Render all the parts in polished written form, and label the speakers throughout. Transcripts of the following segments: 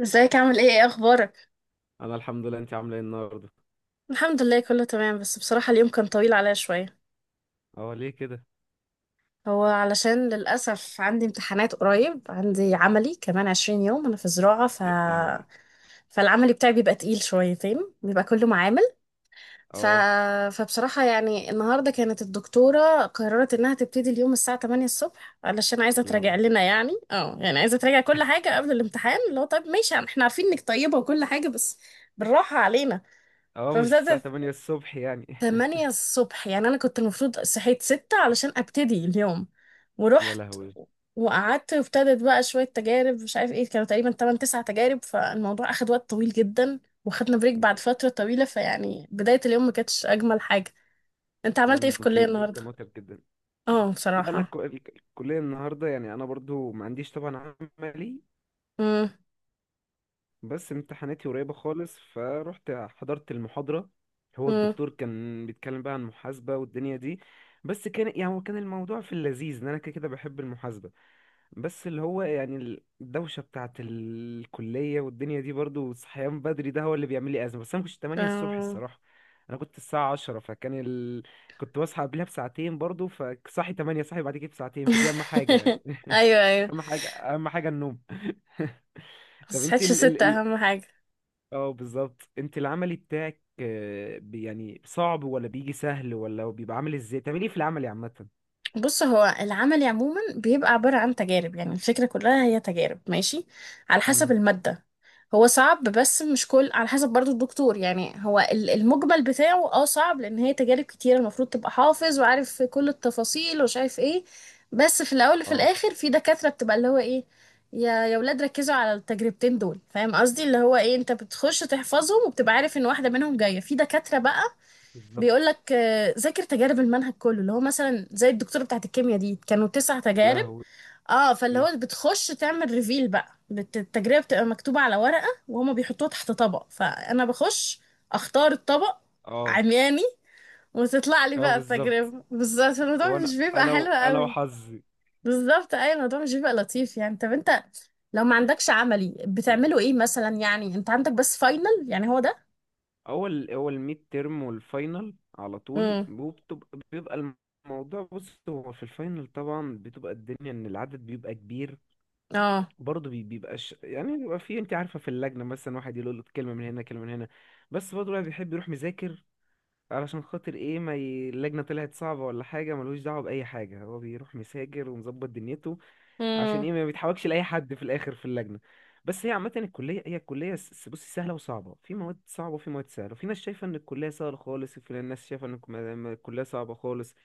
Speaker 1: ازيك، عامل ايه، ايه اخبارك؟
Speaker 2: انا الحمد لله. انت عامله ايه النهارده؟
Speaker 1: الحمد لله كله تمام، بس بصراحة اليوم كان طويل عليا شوية.
Speaker 2: اه، ليه كده؟
Speaker 1: هو علشان للأسف عندي امتحانات قريب، عندي عملي كمان 20 يوم، أنا في زراعة
Speaker 2: يا لهوي.
Speaker 1: فالعملي بتاعي بيبقى تقيل شويتين، بيبقى كله معامل ف...
Speaker 2: اه،
Speaker 1: فبصراحة يعني النهاردة كانت الدكتورة قررت إنها تبتدي اليوم الساعة 8 الصبح، علشان عايزة
Speaker 2: يا لهوي.
Speaker 1: تراجع لنا، يعني عايزة تراجع كل حاجة قبل الامتحان، اللي هو طيب ماشي احنا عارفين إنك طيبة وكل حاجة، بس بالراحة علينا.
Speaker 2: اه، مش الساعه
Speaker 1: فابتدت
Speaker 2: 8 الصبح يعني؟
Speaker 1: 8 الصبح، يعني أنا كنت المفروض صحيت 6 علشان أبتدي اليوم،
Speaker 2: يا
Speaker 1: ورحت
Speaker 2: لهوي.
Speaker 1: وقعدت، وابتدت بقى شوية تجارب مش عارف ايه، كانوا تقريبا تمن تسع تجارب، فالموضوع أخد وقت طويل جدا، واخدنا بريك بعد فترة طويلة، فيعني بداية اليوم ما كانتش أجمل حاجة. أنت عملت ايه في الكلية
Speaker 2: تلاقي اليوم
Speaker 1: النهاردة؟
Speaker 2: كان متعب جدا.
Speaker 1: اه
Speaker 2: لا، انا
Speaker 1: بصراحة.
Speaker 2: الكليه النهارده يعني انا برضو ما عنديش طبعا عملي.
Speaker 1: مم.
Speaker 2: بس امتحاناتي قريبه خالص، فروحت حضرت المحاضره. هو
Speaker 1: مم.
Speaker 2: الدكتور كان بيتكلم بقى عن المحاسبه والدنيا دي. بس كان يعني هو كان الموضوع في اللذيذ ان انا كده كده بحب المحاسبه. بس اللي هو يعني الدوشة بتاعت الكلية والدنيا دي برضو والصحيان بدري ده هو اللي بيعمل لي أزمة. بس أنا مكنتش 8 الصبح
Speaker 1: آه.
Speaker 2: الصراحة. أنا كنت الساعة 10، كنت بصحى قبلها بساعتين برضو، فصحي 8 صحي بعد كده بساعتين، فدي أهم حاجة يعني.
Speaker 1: أيوه أيوه.
Speaker 2: أهم حاجة، أهم حاجة النوم. طب
Speaker 1: بس
Speaker 2: أنت
Speaker 1: صحيتش
Speaker 2: ال ال
Speaker 1: 6
Speaker 2: ال
Speaker 1: أهم حاجة.
Speaker 2: اه، بالظبط. أنت العملي بتاعك آه، يعني صعب ولا بيجي سهل ولا بيبقى عامل ازاي؟ بتعملي ايه في العملي عامة؟
Speaker 1: بص، هو العمل عموما بيبقى عبارة عن تجارب، يعني الفكرة كلها هي تجارب ماشي على حسب
Speaker 2: مم.
Speaker 1: المادة. هو صعب بس مش كل، على حسب برضو الدكتور، يعني هو المجمل بتاعه اه صعب، لأن هي تجارب كتيرة المفروض تبقى حافظ وعارف في كل التفاصيل ومش عارف ايه. بس في الأول وفي
Speaker 2: اه،
Speaker 1: الآخر في دكاترة بتبقى اللي هو ايه، يا ولاد ركزوا على التجربتين دول، فاهم قصدي اللي هو ايه، انت بتخش تحفظهم وبتبقى عارف ان واحدة منهم جاية، في دكاترة بقى بيقول
Speaker 2: بالظبط.
Speaker 1: لك ذاكر تجارب المنهج كله، اللي هو مثلا زي الدكتوره بتاعت الكيمياء دي كانوا تسع
Speaker 2: يا
Speaker 1: تجارب
Speaker 2: لهوي.
Speaker 1: اه، فاللي هو بتخش تعمل ريفيل بقى، التجربه بتبقى مكتوبه على ورقه وهما بيحطوها تحت طبق، فانا بخش اختار الطبق
Speaker 2: اه،
Speaker 1: عمياني، وتطلع لي
Speaker 2: اه،
Speaker 1: بقى
Speaker 2: بالظبط.
Speaker 1: التجربه بالظبط، الموضوع
Speaker 2: وانا
Speaker 1: مش بيبقى
Speaker 2: انا
Speaker 1: حلو
Speaker 2: انا
Speaker 1: قوي.
Speaker 2: وحظي.
Speaker 1: بالظبط اي، الموضوع مش بيبقى لطيف يعني. طب انت لو ما عندكش عملي بتعملوا ايه مثلا، يعني انت عندك بس فاينل، يعني هو ده؟
Speaker 2: اول ميد ترم والفاينل على طول،
Speaker 1: امم
Speaker 2: بيبقى الموضوع. بص، هو في الفاينل طبعا بتبقى الدنيا ان العدد بيبقى كبير. برضه بيبقاش يعني، بيبقى في انت عارفه، في اللجنه مثلا واحد يقول له كلمه من هنا، كلمه من هنا. بس برضه الواحد بيحب يروح مذاكر علشان خاطر ايه، ما ي... اللجنه طلعت صعبه ولا حاجه، ملوش دعوه باي حاجه، هو بيروح مذاكر ومظبط دنيته عشان
Speaker 1: اه.
Speaker 2: ايه، ما بيتحولكش لاي حد في الاخر في اللجنه. بس هي عامه الكليه، هي الكليه بصي سهله وصعبه. في مواد صعبه وفي مواد سهله، في ناس شايفه ان الكليه سهله خالص، وفي ناس شايفه ان الكليه صعبه خالص.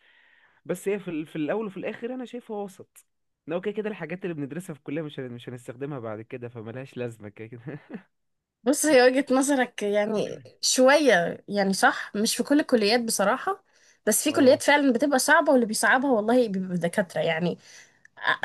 Speaker 2: بس هي في، في الاول وفي الاخر انا شايفها وسط. لو كده كده الحاجات اللي بندرسها في الكليه مش هنستخدمها بعد كده، فملهاش لازمه كده كده.
Speaker 1: بص هي وجهة نظرك يعني شوية يعني صح، مش في كل الكليات بصراحة، بس في كليات
Speaker 2: اه،
Speaker 1: فعلا بتبقى صعبة، واللي بيصعبها والله بيبقى دكاترة يعني.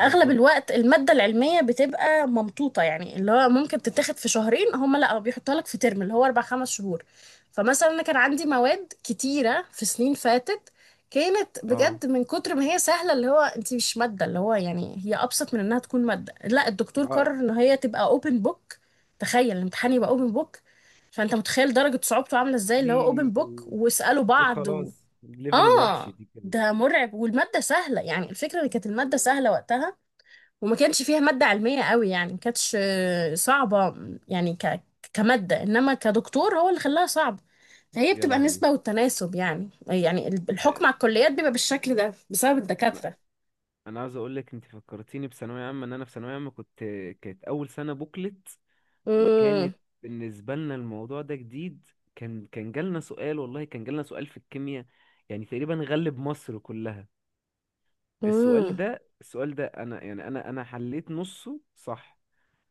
Speaker 1: اغلب الوقت الماده العلميه بتبقى ممطوطه، يعني اللي هو ممكن تتاخد في شهرين، هم لا بيحطها لك في ترم اللي هو اربع خمس شهور. فمثلا انا كان عندي مواد كتيره في سنين فاتت، كانت
Speaker 2: اه،
Speaker 1: بجد من كتر ما هي سهله، اللي هو انت مش ماده، اللي هو يعني هي ابسط من انها تكون ماده، لا الدكتور
Speaker 2: اه.
Speaker 1: قرر ان هي تبقى اوبن بوك. تخيل الامتحان يبقى اوبن بوك، فانت متخيل درجه صعوبته عامله ازاي، اللي هو اوبن
Speaker 2: دي
Speaker 1: بوك واسالوا
Speaker 2: دي
Speaker 1: بعض
Speaker 2: خلاص ليفل الوحش
Speaker 1: اه،
Speaker 2: دي كده.
Speaker 1: ده مرعب، والمادة سهلة، يعني الفكرة ان كانت المادة سهلة وقتها، وما كانش فيها مادة علمية قوي، يعني ما كانتش صعبة. يعني كمادة، انما كدكتور هو اللي خلاها صعبة، فهي
Speaker 2: يا
Speaker 1: بتبقى
Speaker 2: لهوي.
Speaker 1: نسبة والتناسب يعني، يعني الحكم على الكليات بيبقى بالشكل ده بسبب الدكاترة.
Speaker 2: انا عاوز اقول لك، انت فكرتيني بثانويه عامه. ان انا في ثانويه عامه كنت، كانت اول سنه بوكلت،
Speaker 1: امم
Speaker 2: وكانت بالنسبه لنا الموضوع ده جديد. كان جالنا سؤال، والله كان جالنا سؤال في الكيمياء، يعني تقريبا غلب مصر كلها. السؤال
Speaker 1: امم
Speaker 2: ده، السؤال ده انا يعني انا حليت نصه صح،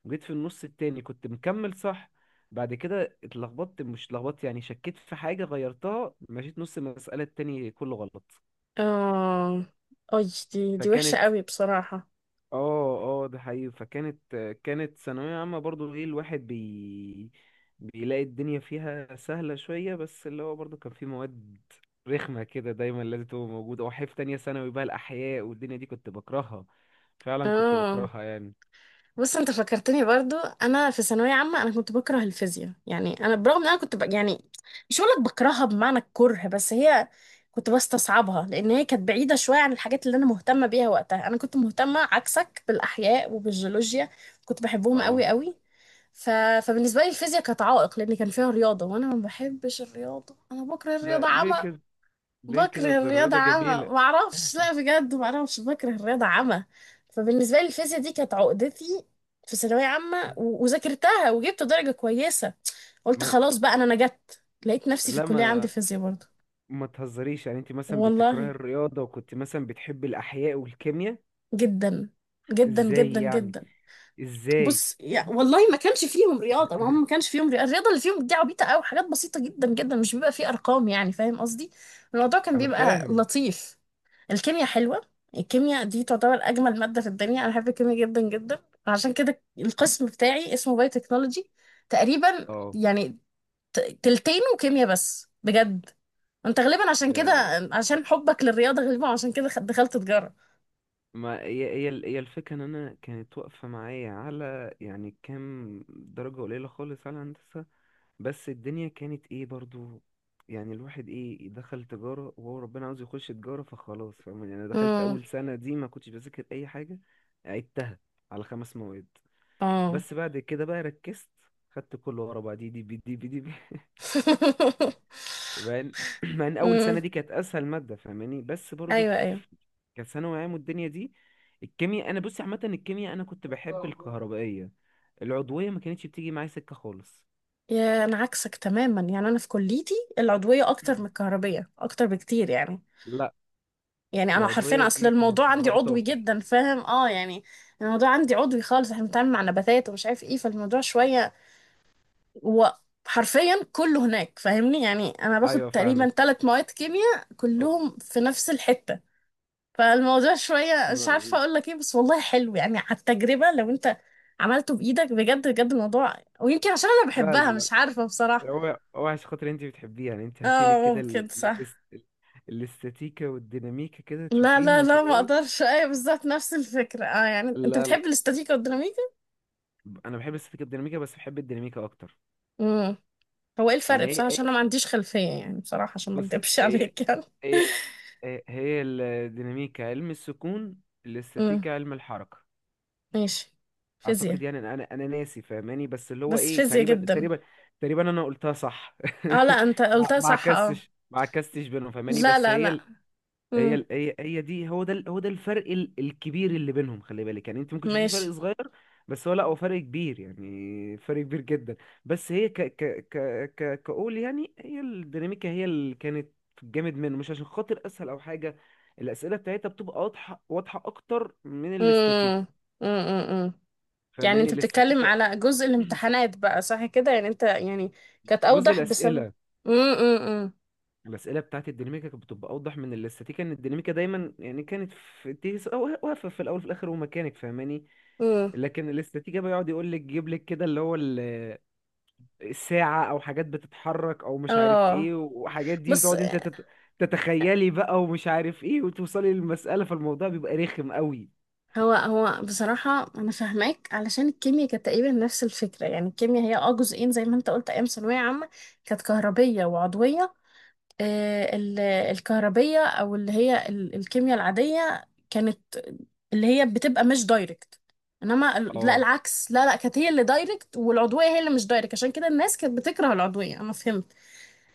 Speaker 2: وجيت في النص التاني كنت مكمل صح. بعد كده اتلخبطت، مش اتلخبطت يعني، شكيت في حاجه غيرتها، مشيت نص المساله التاني كله غلط.
Speaker 1: اه اي. دي وحشة
Speaker 2: فكانت،
Speaker 1: قوي بصراحة.
Speaker 2: اه، اه، ده حقيقي. فكانت، كانت ثانوية عامة برضو. ايه، الواحد بيلاقي الدنيا فيها سهلة شوية، بس اللي هو برضو كان في مواد رخمة كده دايما لازم تبقى موجودة. وحيف تانية ثانوي بقى الأحياء والدنيا دي كنت بكرهها، فعلا كنت
Speaker 1: اه،
Speaker 2: بكرهها يعني.
Speaker 1: بص انت فكرتني برضو، انا في ثانويه عامه انا كنت بكره الفيزياء، يعني انا برغم ان انا كنت يعني مش هقول لك بكرهها بمعنى الكره، بس هي كنت بستصعبها لان هي كانت بعيده شويه عن الحاجات اللي انا مهتمه بيها وقتها، انا كنت مهتمه عكسك بالاحياء وبالجيولوجيا، كنت بحبهم
Speaker 2: اه،
Speaker 1: قوي قوي ف... فبالنسبه لي الفيزياء كانت عائق، لان كان فيها رياضه وانا ما بحبش الرياضه، انا بكره
Speaker 2: لا،
Speaker 1: الرياضه
Speaker 2: ليه
Speaker 1: عامه.
Speaker 2: كده؟ ليه كده؟
Speaker 1: بكره
Speaker 2: ده
Speaker 1: الرياضة
Speaker 2: الرياضة جميلة.
Speaker 1: عمى معرفش، لا بجد معرفش، بكره الرياضة عمى. فبالنسبة لي الفيزياء دي كانت عقدتي في ثانوية عامة وذاكرتها وجبت درجة كويسة. قلت
Speaker 2: ما...
Speaker 1: خلاص بقى أنا نجت، لقيت نفسي في
Speaker 2: لا،
Speaker 1: الكلية عندي
Speaker 2: ما
Speaker 1: فيزياء برضه.
Speaker 2: ما تهزريش يعني. انت مثلا بتكرهي
Speaker 1: والله
Speaker 2: الرياضة وكنت مثلا بتحب الأحياء والكيمياء؟
Speaker 1: جدا. جدا
Speaker 2: ازاي
Speaker 1: جدا
Speaker 2: يعني؟
Speaker 1: جدا.
Speaker 2: ازاي؟
Speaker 1: بص يا، والله ما كانش فيهم رياضة، ما هم ما كانش فيهم رياضة، الرياضة اللي فيهم دي عبيطة أوي، حاجات بسيطة جدا جدا، مش بيبقى فيه أرقام يعني فاهم قصدي. الموضوع كان
Speaker 2: انا
Speaker 1: بيبقى
Speaker 2: فاهم،
Speaker 1: لطيف. الكيمياء حلوة. الكيمياء دي تعتبر أجمل مادة في الدنيا، أنا بحب الكيمياء جدا جدا، عشان كده القسم بتاعي اسمه باي تكنولوجي تقريبا
Speaker 2: اه.
Speaker 1: يعني، تلتينه كيمياء بس بجد. انت غالبا عشان كده، عشان حبك للرياضة غالبا عشان كده دخلت تجارة.
Speaker 2: ما هي، هي الفكرة ان انا كانت واقفة معايا على يعني كام درجة قليلة خالص على هندسة. بس الدنيا كانت ايه برضو، يعني الواحد ايه دخل تجارة، وهو ربنا عاوز يخش تجارة فخلاص، فاهم يعني؟ انا دخلت
Speaker 1: امم
Speaker 2: اول سنة دي ما كنتش بذاكر اي حاجة، عدتها على خمس مواد.
Speaker 1: اه.
Speaker 2: بس بعد كده بقى ركزت، خدت كله ورا بعض، دي دي بي دي بي دي. مع ان مع ان اول سنه
Speaker 1: امم.
Speaker 2: دي كانت اسهل ماده، فاهماني؟ بس برضو في
Speaker 1: ايوه ايوه.
Speaker 2: كثانوي عام والدنيا دي. الكيمياء، انا بصي عامه الكيمياء انا كنت بحب الكهربائيه. العضويه ما كانتش بتيجي معايا سكه خالص.
Speaker 1: يا انا عكسك تماما، يعني انا في كليتي العضويه اكتر من الكهربيه، اكتر بكتير يعني.
Speaker 2: لا،
Speaker 1: يعني انا حرفيا
Speaker 2: العضويه
Speaker 1: اصل
Speaker 2: دي كانت
Speaker 1: الموضوع عندي
Speaker 2: مرار
Speaker 1: عضوي
Speaker 2: تفلح.
Speaker 1: جدا فاهم اه يعني. الموضوع عندي عضوي خالص، احنا بنتعامل مع نباتات ومش عارف ايه، فالموضوع شويه وحرفيا كله هناك فاهمني، يعني انا باخد
Speaker 2: ايوه،
Speaker 1: تقريبا
Speaker 2: فاهمك.
Speaker 1: 3 مواد كيمياء
Speaker 2: أو-
Speaker 1: كلهم في نفس الحته. فالموضوع شويه مش
Speaker 2: ما-
Speaker 1: عارفه اقول لك ايه، بس والله حلو يعني. على التجربه لو انت عملته بايدك بجد، بجد الموضوع. ويمكن عشان انا
Speaker 2: لا، لا،
Speaker 1: بحبها
Speaker 2: لا.
Speaker 1: مش عارفه بصراحه.
Speaker 2: هو عشان خاطر انت بتحبيها يعني. انت هاتيلي
Speaker 1: اه
Speaker 2: كده
Speaker 1: ممكن صح.
Speaker 2: الاستاتيكا والديناميكا كده
Speaker 1: لا لا
Speaker 2: تشوفيهم
Speaker 1: لا
Speaker 2: كده
Speaker 1: ما
Speaker 2: اهوت.
Speaker 1: اقدرش. ايوه بالظبط نفس الفكره اه، يعني انت
Speaker 2: لا، لا،
Speaker 1: بتحب الاستاتيكا والديناميكا.
Speaker 2: انا بحب الاستاتيكا والديناميكا، بس بحب الديناميكا اكتر.
Speaker 1: امم. هو ايه الفرق
Speaker 2: يعني
Speaker 1: بصراحه عشان
Speaker 2: إيه؟
Speaker 1: انا ما عنديش خلفيه، يعني بصراحه عشان ما
Speaker 2: بص،
Speaker 1: اكدبش عليك يعني.
Speaker 2: هي هي الديناميكا علم السكون،
Speaker 1: امم
Speaker 2: الاستاتيكا علم الحركة.
Speaker 1: ماشي. فيزياء.
Speaker 2: اعتقد يعني، انا ناسي فاهماني، بس اللي هو
Speaker 1: بس
Speaker 2: ايه،
Speaker 1: فيزياء
Speaker 2: تقريبا،
Speaker 1: جدا.
Speaker 2: تقريبا، تقريبا انا قلتها صح.
Speaker 1: اه لا انت قلتها صح اه.
Speaker 2: ما عكستش بينهم، فاهماني؟
Speaker 1: لا
Speaker 2: بس
Speaker 1: لا لا.
Speaker 2: هي،
Speaker 1: امم.
Speaker 2: هي دي، هو ده، هو ده الفرق الكبير اللي بينهم. خلي بالك يعني، انت ممكن تشوفي فرق
Speaker 1: ماشي.
Speaker 2: صغير، بس هو لا، هو فرق كبير يعني، فرق كبير جدا. بس هي، ك ك ك ك كقول يعني، هي الديناميكا هي اللي كانت جامد منه، مش عشان خاطر اسهل او حاجه. الاسئله بتاعتها بتبقى واضحه، واضحه اكتر من الاستاتيك،
Speaker 1: امم امم. يعني
Speaker 2: فاهماني؟
Speaker 1: انت بتتكلم
Speaker 2: الاستاتيكا.
Speaker 1: على جزء الامتحانات بقى صح كده، يعني انت يعني كانت
Speaker 2: جزء
Speaker 1: اوضح بسبب.
Speaker 2: الاسئله،
Speaker 1: امم امم
Speaker 2: الاسئله بتاعت الديناميكا كانت بتبقى اوضح من الاستاتيكا، ان الديناميكا دايما يعني كانت في واقفه في الاول في الاخر ومكانك، فاهماني؟
Speaker 1: امم.
Speaker 2: لكن الاستراتيجية بيقعد يقول لك جيب لك كده اللي هو الساعة او حاجات بتتحرك او مش عارف
Speaker 1: اه
Speaker 2: ايه، وحاجات دي
Speaker 1: بص.
Speaker 2: بتقعد انت تتخيلي بقى، ومش عارف ايه، وتوصلي للمسألة، فالموضوع بيبقى رخم قوي.
Speaker 1: هو بصراحة أنا فاهماك، علشان الكيمياء كانت تقريبا نفس الفكرة، يعني الكيمياء هي اه جزئين زي ما أنت قلت أيام ثانوية عامة، كانت كهربية وعضوية. آه، الكهربية، أو اللي هي الكيمياء العادية، كانت اللي هي بتبقى مش دايركت، إنما لا
Speaker 2: اه،
Speaker 1: العكس، لا لا، كانت هي اللي دايركت والعضوية هي اللي مش دايركت، عشان كده الناس كانت بتكره العضوية، أنا فهمت.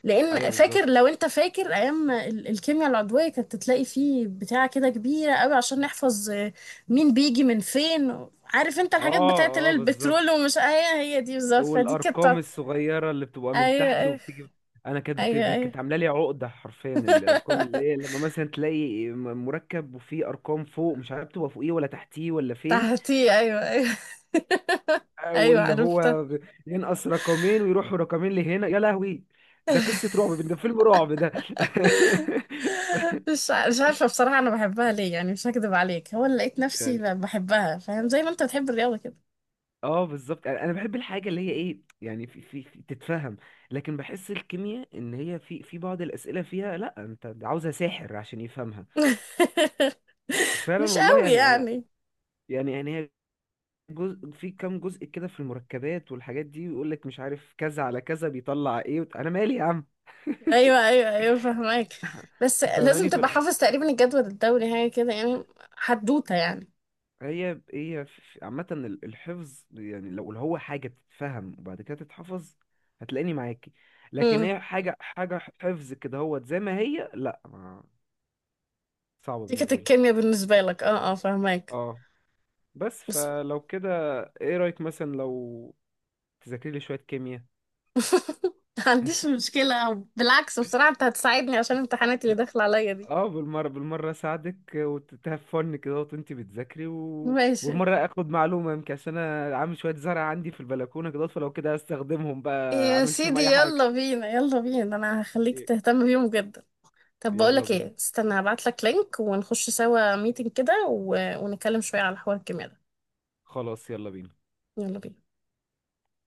Speaker 1: لان
Speaker 2: ايوه
Speaker 1: فاكر،
Speaker 2: بالظبط.
Speaker 1: لو انت فاكر ايام الكيمياء العضويه، كانت تلاقي فيه بتاعه كده كبيره قوي عشان نحفظ مين بيجي من فين، عارف انت الحاجات
Speaker 2: اه،
Speaker 1: بتاعه اللي هي
Speaker 2: اه،
Speaker 1: البترول
Speaker 2: بالظبط.
Speaker 1: ومش هي دي بالظبط، فدي كانت
Speaker 2: والارقام
Speaker 1: بتاعت-
Speaker 2: الصغيره اللي بتبقى من
Speaker 1: ايوه
Speaker 2: تحت
Speaker 1: ايوه
Speaker 2: وبتيجي،
Speaker 1: ايوه ايوه.
Speaker 2: كانت عامله لي عقده حرفيا. الارقام اللي هي، لما مثلا تلاقي مركب وفيه ارقام فوق، مش عارف تبقى فوقيه ولا تحتيه ولا فين.
Speaker 1: تحتي، ايوه ايوه. ايوه
Speaker 2: واللي
Speaker 1: عرفتها.
Speaker 2: هو ينقص رقمين ويروحوا رقمين لهنا، يا لهوي. ده قصة رعب ده، فيلم رعب ده.
Speaker 1: مش عارفه بصراحه انا بحبها ليه، يعني مش هكذب عليك، هو اللي لقيت نفسي
Speaker 2: يعني
Speaker 1: بحبها فاهم، زي ما انت بتحب الرياضه كده.
Speaker 2: اه، بالظبط. يعني انا بحب الحاجة اللي هي ايه يعني، تتفهم. لكن بحس الكيمياء ان هي في بعض الأسئلة فيها، لا، انت عاوزها ساحر عشان يفهمها. فعلا
Speaker 1: مش
Speaker 2: والله
Speaker 1: قوي
Speaker 2: يعني انا،
Speaker 1: يعني.
Speaker 2: يعني هي جزء، في كام جزء كده في المركبات والحاجات دي، ويقول لك مش عارف كذا على كذا بيطلع ايه، انا مالي يا عم،
Speaker 1: ايوه ايوه ايوه فهمك. بس لازم
Speaker 2: فاهماني؟
Speaker 1: تبقى حافظ تقريبا الجدول الدوري، حاجه كده يعني. حدوته يعني.
Speaker 2: هي عامة الحفظ يعني، لو اللي هو حاجة تتفهم وبعد كده تتحفظ، هتلاقيني معاكي. لكن
Speaker 1: امم.
Speaker 2: هي حاجة، حاجة حفظ كده هو زي ما هي، لا، ما صعبة
Speaker 1: دي كانت
Speaker 2: بالنسبة لي.
Speaker 1: الكيمياء بالنسبه لك، اه اه فهمك
Speaker 2: اه. بس
Speaker 1: بس.
Speaker 2: فلو كده، ايه رأيك مثلا لو تذاكري لي شوية كيمياء؟
Speaker 1: ما عنديش مشكله، أو بالعكس بصراحه انت هتساعدني عشان الامتحانات اللي داخله عليا دي.
Speaker 2: اه، بالمرة بالمرة اساعدك، وتتهفن كده وانت بتذاكري،
Speaker 1: ماشي.
Speaker 2: والمرة اخد معلومة يمكن، عشان انا عامل شوية زرع عندي في البلكونة كده، فلو كده استخدمهم بقى،
Speaker 1: يا
Speaker 2: اعمل فيهم
Speaker 1: سيدي
Speaker 2: اي حاجة.
Speaker 1: يلا بينا، يلا بينا، انا هخليك تهتم بيهم جدا. طب بقول
Speaker 2: يلا
Speaker 1: لك
Speaker 2: بينا،
Speaker 1: ايه، استنى هبعت لك لينك ونخش سوا ميتنج كده ونتكلم شويه على حوار الكيمياء ده.
Speaker 2: خلاص يلا بينا.
Speaker 1: يلا بينا.